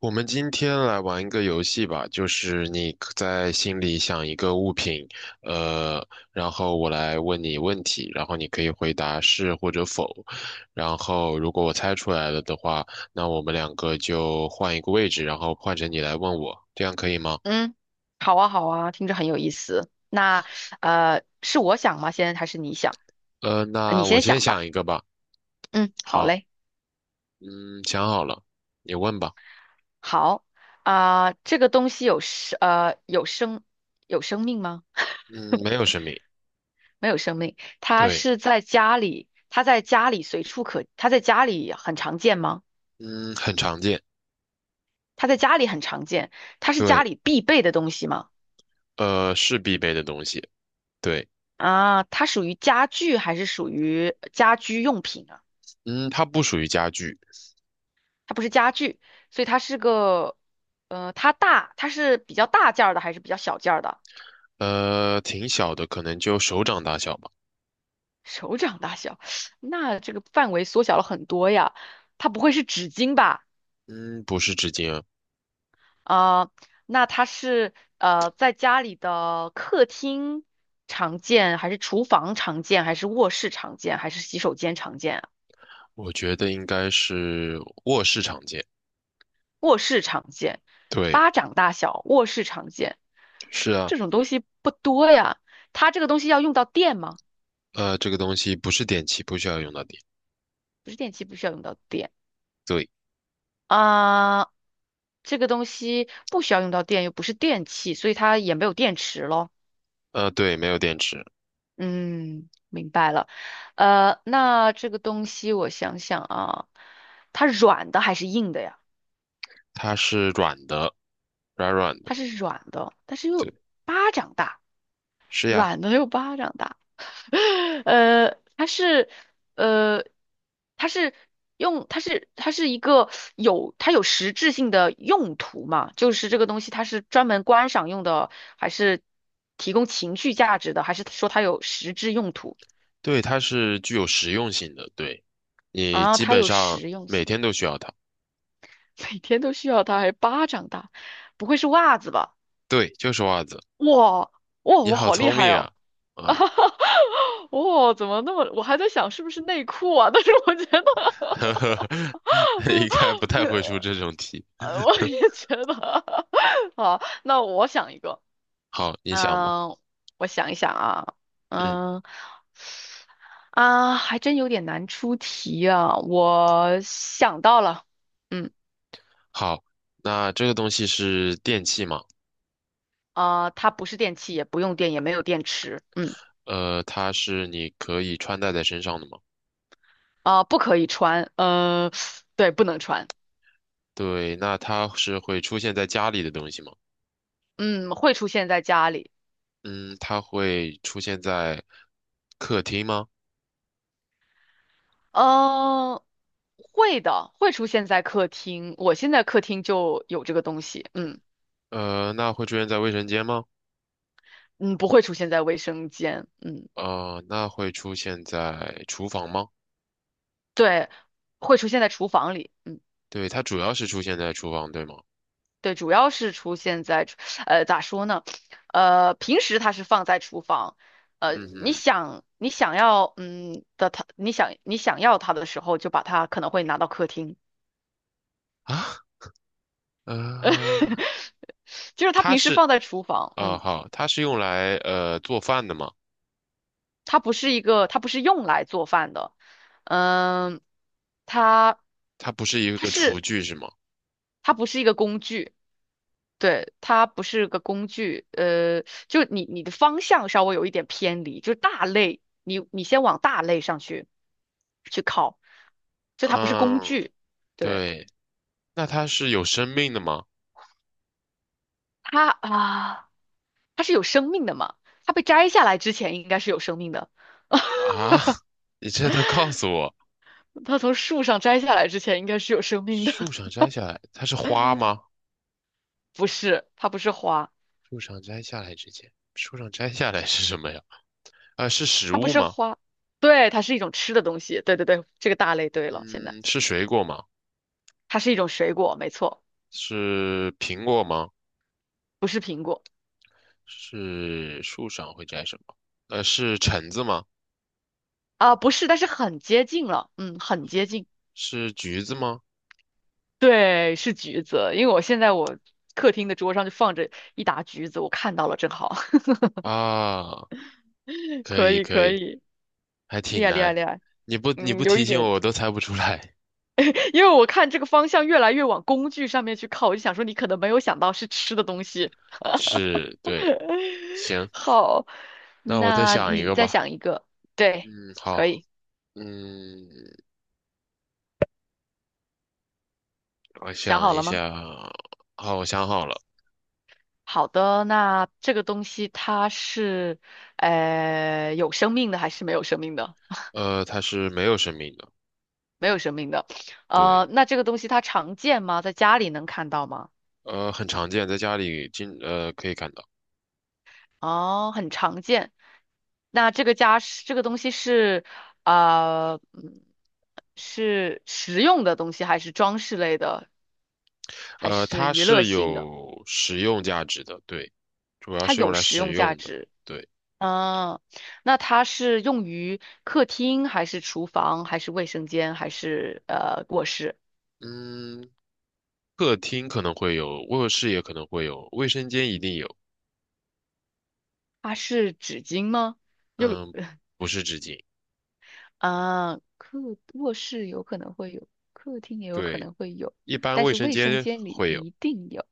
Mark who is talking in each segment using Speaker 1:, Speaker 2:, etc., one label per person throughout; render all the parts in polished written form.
Speaker 1: 我们今天来玩一个游戏吧，就是你可在心里想一个物品，呃，然后我来问你问题，然后你可以回答是或者否，然后如果我猜出来了的话，那我们两个就换一个位置，然后换成你来问我，这样可以吗？
Speaker 2: 嗯，好啊，好啊，听着很有意思。是我想吗？先还是你想？你
Speaker 1: 那我
Speaker 2: 先
Speaker 1: 先
Speaker 2: 想
Speaker 1: 想
Speaker 2: 吧。
Speaker 1: 一个吧。
Speaker 2: 嗯，好
Speaker 1: 好，
Speaker 2: 嘞，
Speaker 1: 嗯，想好了，你问吧。
Speaker 2: 好啊，这个东西有生命吗？
Speaker 1: 嗯，没有生命。
Speaker 2: 没有生命，
Speaker 1: 对，
Speaker 2: 它在家里很常见吗？
Speaker 1: 嗯，很常见。
Speaker 2: 它在家里很常见，它是家
Speaker 1: 对，
Speaker 2: 里必备的东西吗？
Speaker 1: 是必备的东西。对，
Speaker 2: 啊，它属于家具还是属于家居用品？啊？
Speaker 1: 嗯，它不属于家具。
Speaker 2: 它不是家具，所以它是比较大件儿的还是比较小件儿的？
Speaker 1: 挺小的，可能就手掌大小吧。
Speaker 2: 手掌大小，那这个范围缩小了很多呀。它不会是纸巾吧？
Speaker 1: 嗯，不是纸巾啊，
Speaker 2: 啊、那它是在家里的客厅常见，还是厨房常见，还是卧室常见，还是洗手间常见啊？
Speaker 1: 我觉得应该是卧室常见。
Speaker 2: 卧室常见，
Speaker 1: 对，
Speaker 2: 巴掌大小，卧室常见，
Speaker 1: 是啊，
Speaker 2: 这种东西不多呀。它这个东西要用到电吗？
Speaker 1: 这个东西不是电器，不需要用到电。
Speaker 2: 不是电器不需要用到电
Speaker 1: 对，
Speaker 2: 啊，这个东西不需要用到电，又不是电器，所以它也没有电池咯。
Speaker 1: 对，没有电池，
Speaker 2: 嗯，明白了。呃，那这个东西我想想啊，它软的还是硬的呀？
Speaker 1: 它是软的，软软的。
Speaker 2: 它是软的，但是又
Speaker 1: 对，
Speaker 2: 巴掌大，
Speaker 1: 是呀，
Speaker 2: 软的又巴掌大。呃，它是呃，它是它是一个它有实质性的用途嘛？就是这个东西它是专门观赏用的，还是提供情绪价值的，还是说它有实质用途
Speaker 1: 对，它是具有实用性的。对，你
Speaker 2: 啊？
Speaker 1: 基
Speaker 2: 它
Speaker 1: 本
Speaker 2: 有
Speaker 1: 上
Speaker 2: 实用
Speaker 1: 每
Speaker 2: 性，
Speaker 1: 天都需要它。
Speaker 2: 每天都需要它，还巴掌大，不会是袜子吧？
Speaker 1: 对，就是袜子。
Speaker 2: 哇哇，
Speaker 1: 你
Speaker 2: 我
Speaker 1: 好
Speaker 2: 好厉
Speaker 1: 聪
Speaker 2: 害
Speaker 1: 明啊，
Speaker 2: 哦！
Speaker 1: 啊，
Speaker 2: 哇，怎么那么？我还在想是不是内裤啊，但是我觉得。
Speaker 1: 呵呵应该不太会出 这种题。
Speaker 2: 呃，我也觉得。好，那我想一个，
Speaker 1: 好，你想吧。
Speaker 2: 嗯、我想一想啊，
Speaker 1: 嗯。
Speaker 2: 嗯、啊，还真有点难出题啊。我想到了，嗯，
Speaker 1: 好，那这个东西是电器嘛？
Speaker 2: 啊、它不是电器，也不用电，也没有电池，嗯，
Speaker 1: 它是你可以穿戴在身上的嘛？
Speaker 2: 啊、不可以穿，呃，对，不能穿，
Speaker 1: 对，那它是会出现在家里的东西吗？
Speaker 2: 嗯，会出现在家里，
Speaker 1: 嗯，它会出现在客厅吗？
Speaker 2: 嗯，会的，会出现在客厅，我现在客厅就有这个东西，嗯
Speaker 1: 那会出现在卫生间吗？
Speaker 2: 嗯，不会出现在卫生间，嗯。
Speaker 1: 那会出现在厨房吗？
Speaker 2: 对，会出现在厨房里，嗯，
Speaker 1: 对，它主要是出现在厨房，对吗？
Speaker 2: 对，主要是出现在厨呃，咋说呢？呃，平时它是放在厨房，呃，
Speaker 1: 嗯嗯
Speaker 2: 你想要它的时候，就把它可能会拿到客厅，
Speaker 1: 啊，呃，
Speaker 2: 就是它
Speaker 1: 它
Speaker 2: 平时
Speaker 1: 是，
Speaker 2: 放在厨房，
Speaker 1: 啊，
Speaker 2: 嗯，
Speaker 1: 好，它是用来做饭的吗？
Speaker 2: 它不是用来做饭的，嗯，它
Speaker 1: 它不是一
Speaker 2: 它
Speaker 1: 个厨
Speaker 2: 是
Speaker 1: 具是吗？
Speaker 2: 它不是一个工具。对，它不是个工具，呃，就你的方向稍微有一点偏离，就是大类，你先往大类上去去靠，就它不是工
Speaker 1: 嗯，
Speaker 2: 具，对，
Speaker 1: 对。那它是有生命的吗？
Speaker 2: 它啊，它是有生命的嘛，它被摘下来之前应该是有生命的，
Speaker 1: 啊，你这都告诉我，
Speaker 2: 它从树上摘下来之前应该是有生命的，
Speaker 1: 树上摘下来，它是花吗？
Speaker 2: 不是，它不是花，
Speaker 1: 树上摘下来之前，树上摘下来是什么呀？啊，是食
Speaker 2: 它不
Speaker 1: 物
Speaker 2: 是
Speaker 1: 吗？
Speaker 2: 花，对，它是一种吃的东西，对对对，这个大类对了，现在
Speaker 1: 嗯，是水果吗？
Speaker 2: 它是一种水果，没错，
Speaker 1: 是苹果吗？
Speaker 2: 不是苹果。
Speaker 1: 是树上会摘什么？是橙子吗？
Speaker 2: 啊，不是，但是很接近了，嗯，很接近。
Speaker 1: 是橘子吗？
Speaker 2: 对，是橘子，因为我现在客厅的桌上就放着一打橘子，我看到了，正好，
Speaker 1: 啊，可
Speaker 2: 可
Speaker 1: 以
Speaker 2: 以
Speaker 1: 可
Speaker 2: 可
Speaker 1: 以，
Speaker 2: 以，
Speaker 1: 还
Speaker 2: 厉
Speaker 1: 挺
Speaker 2: 害厉害
Speaker 1: 难，
Speaker 2: 厉害，
Speaker 1: 你
Speaker 2: 嗯，
Speaker 1: 不
Speaker 2: 有
Speaker 1: 提
Speaker 2: 一
Speaker 1: 醒
Speaker 2: 点，
Speaker 1: 我，我都猜不出来。
Speaker 2: 因为我看这个方向越来越往工具上面去靠，我就想说你可能没有想到是吃的东西。
Speaker 1: 是，对，行，
Speaker 2: 好，
Speaker 1: 那我再
Speaker 2: 那
Speaker 1: 想一
Speaker 2: 你
Speaker 1: 个
Speaker 2: 再
Speaker 1: 吧。
Speaker 2: 想一个，对，
Speaker 1: 嗯，
Speaker 2: 可
Speaker 1: 好。
Speaker 2: 以，
Speaker 1: 嗯，我
Speaker 2: 想
Speaker 1: 想
Speaker 2: 好
Speaker 1: 一
Speaker 2: 了吗？
Speaker 1: 下，好，我想好了，
Speaker 2: 好的，那这个东西它是，呃，有生命的还是没有生命的？
Speaker 1: 它是没有生命的，
Speaker 2: 没有生命的。呃，
Speaker 1: 对，
Speaker 2: 那这个东西它常见吗？在家里能看到吗？
Speaker 1: 很常见，在家里可以看到，
Speaker 2: 哦，很常见。那这个家是这个东西是啊，呃嗯是实用的东西，还是装饰类的，还是
Speaker 1: 它
Speaker 2: 娱乐
Speaker 1: 是
Speaker 2: 性的？
Speaker 1: 有食用价值的，对，主要
Speaker 2: 它
Speaker 1: 是用
Speaker 2: 有
Speaker 1: 来
Speaker 2: 实
Speaker 1: 使
Speaker 2: 用价
Speaker 1: 用的，
Speaker 2: 值。
Speaker 1: 对，
Speaker 2: 嗯，那它是用于客厅，还是厨房，还是卫生间，还是卧室？
Speaker 1: 嗯，客厅可能会有，卧室也可能会有，卫生间一定有，
Speaker 2: 它是纸巾吗？又
Speaker 1: 嗯，不是纸巾，
Speaker 2: 啊，卧室有可能会有，客厅也有可
Speaker 1: 对，
Speaker 2: 能会有，
Speaker 1: 一般
Speaker 2: 但
Speaker 1: 卫
Speaker 2: 是
Speaker 1: 生
Speaker 2: 卫生
Speaker 1: 间
Speaker 2: 间里
Speaker 1: 会有，
Speaker 2: 一定有，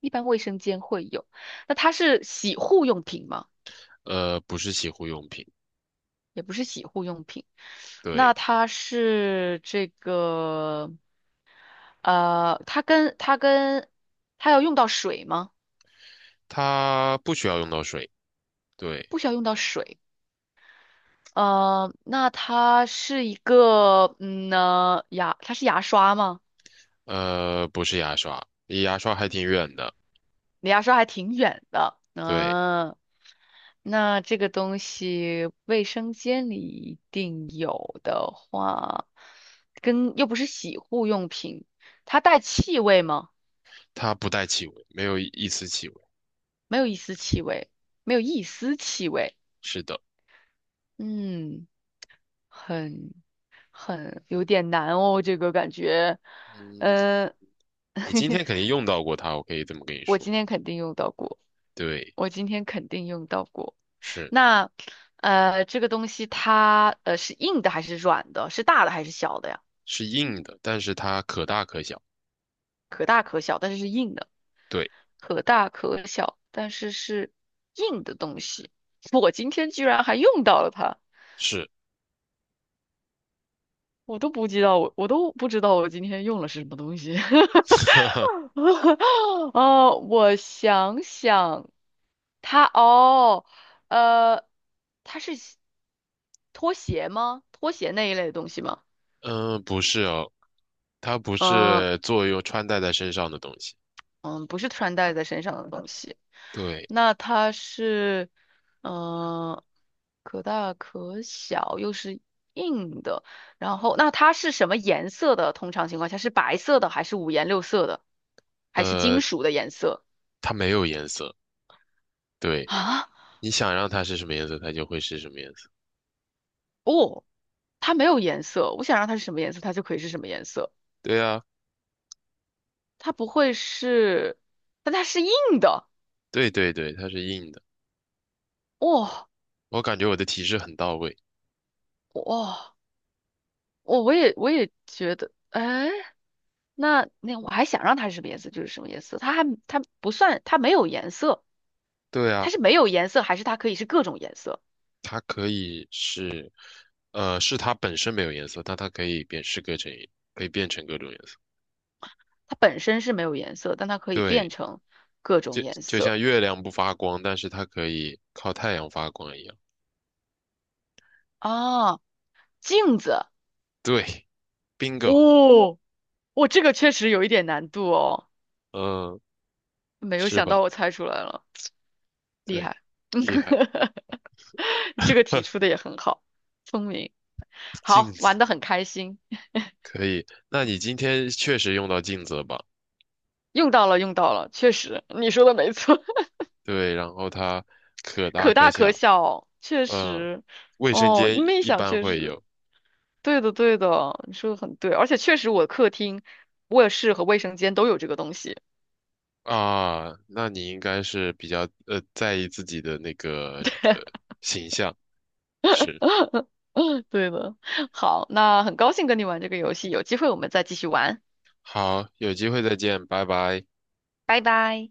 Speaker 2: 一般卫生间会有。那它是洗护用品吗？
Speaker 1: 不是洗护用品，
Speaker 2: 也不是洗护用品，那
Speaker 1: 对，
Speaker 2: 它是这个，呃，它跟它要用到水吗？
Speaker 1: 它不需要用到水。对。
Speaker 2: 不需要用到水。呃，那它是一个，嗯呢，它是牙刷吗？
Speaker 1: 不是牙刷，离牙刷还挺远的。
Speaker 2: 离牙刷还挺远的。
Speaker 1: 对，
Speaker 2: 嗯，那这个东西卫生间里一定有的话，跟又不是洗护用品，它带气味吗？
Speaker 1: 它不带气味，没有一丝气味。
Speaker 2: 没有一丝气味，没有一丝气味。
Speaker 1: 是的，
Speaker 2: 嗯，很很有点难哦，这个感觉。
Speaker 1: 嗯，
Speaker 2: 嗯，
Speaker 1: 你今天肯 定用到过它，我可以这么跟你
Speaker 2: 我
Speaker 1: 说。
Speaker 2: 今天肯定用到过，
Speaker 1: 对，
Speaker 2: 我今天肯定用到过。
Speaker 1: 是
Speaker 2: 那呃，这个东西它是硬的还是软的？是大的还是小的呀？
Speaker 1: 是硬的，但是它可大可小。
Speaker 2: 可大可小，但是是硬的；
Speaker 1: 对，
Speaker 2: 可大可小，但是是硬的东西。我今天居然还用到了它，
Speaker 1: 是，
Speaker 2: 我都不知道我今天用了是什么东西。哦，我想想，它哦，呃，它是拖鞋吗？拖鞋那一类的东西吗？
Speaker 1: 嗯，不是哦，它不
Speaker 2: 嗯、
Speaker 1: 是作用穿戴在身上的东西。
Speaker 2: 嗯，不是穿戴在身上的东西。
Speaker 1: 对，
Speaker 2: 那它是，嗯，可大可小，又是硬的。然后，那它是什么颜色的？通常情况下是白色的，还是五颜六色的，还是金
Speaker 1: 呃，
Speaker 2: 属的颜色
Speaker 1: 它没有颜色。对，
Speaker 2: 啊？
Speaker 1: 你想让它是什么颜色，它就会是什么颜色。
Speaker 2: 哦，它没有颜色。我想让它是什么颜色，它就可以是什么颜色。
Speaker 1: 对啊，
Speaker 2: 它不会是，但它是硬的。
Speaker 1: 对对对，它是硬的。
Speaker 2: 哇、
Speaker 1: 我感觉我的提示很到位。
Speaker 2: 哇、我也觉得，哎。那那我还想让它是什么颜色，就是什么颜色。它还它不算，它没有颜色，
Speaker 1: 对啊。
Speaker 2: 它是没有颜色，还是它可以是各种颜色？
Speaker 1: 它可以是，是它本身没有颜色，但它可以变是各种，可以变成各种颜色。
Speaker 2: 它本身是没有颜色，但它可以变
Speaker 1: 对，
Speaker 2: 成各种
Speaker 1: 就
Speaker 2: 颜
Speaker 1: 就
Speaker 2: 色
Speaker 1: 像月亮不发光，但是它可以靠太阳发光一样。
Speaker 2: 啊。镜子，
Speaker 1: 对，bingo，
Speaker 2: 哦，我这个确实有一点难度哦，
Speaker 1: 嗯，
Speaker 2: 没有
Speaker 1: 是
Speaker 2: 想到
Speaker 1: 吧？
Speaker 2: 我猜出来了，厉
Speaker 1: 对，
Speaker 2: 害，
Speaker 1: 厉害。
Speaker 2: 这个题出的 也很好，聪明。
Speaker 1: 镜
Speaker 2: 好，
Speaker 1: 子
Speaker 2: 玩的很开心，
Speaker 1: 可以，那你今天确实用到镜子了吧？
Speaker 2: 用到了，用到了，确实，你说的没错。
Speaker 1: 对，然后它可大
Speaker 2: 可
Speaker 1: 可
Speaker 2: 大可
Speaker 1: 小，
Speaker 2: 小，确
Speaker 1: 嗯，
Speaker 2: 实。
Speaker 1: 卫生
Speaker 2: 哦，
Speaker 1: 间
Speaker 2: 你们一
Speaker 1: 一
Speaker 2: 想，
Speaker 1: 般
Speaker 2: 确
Speaker 1: 会
Speaker 2: 实，
Speaker 1: 有。
Speaker 2: 对的，对的，你说的很对，而且确实，我客厅、卧室和卫生间都有这个东西。
Speaker 1: 啊，那你应该是比较在意自己的那个呃形象，是。
Speaker 2: 对的，好，那很高兴跟你玩这个游戏，有机会我们再继续玩，
Speaker 1: 好，有机会再见，拜拜。
Speaker 2: 拜拜。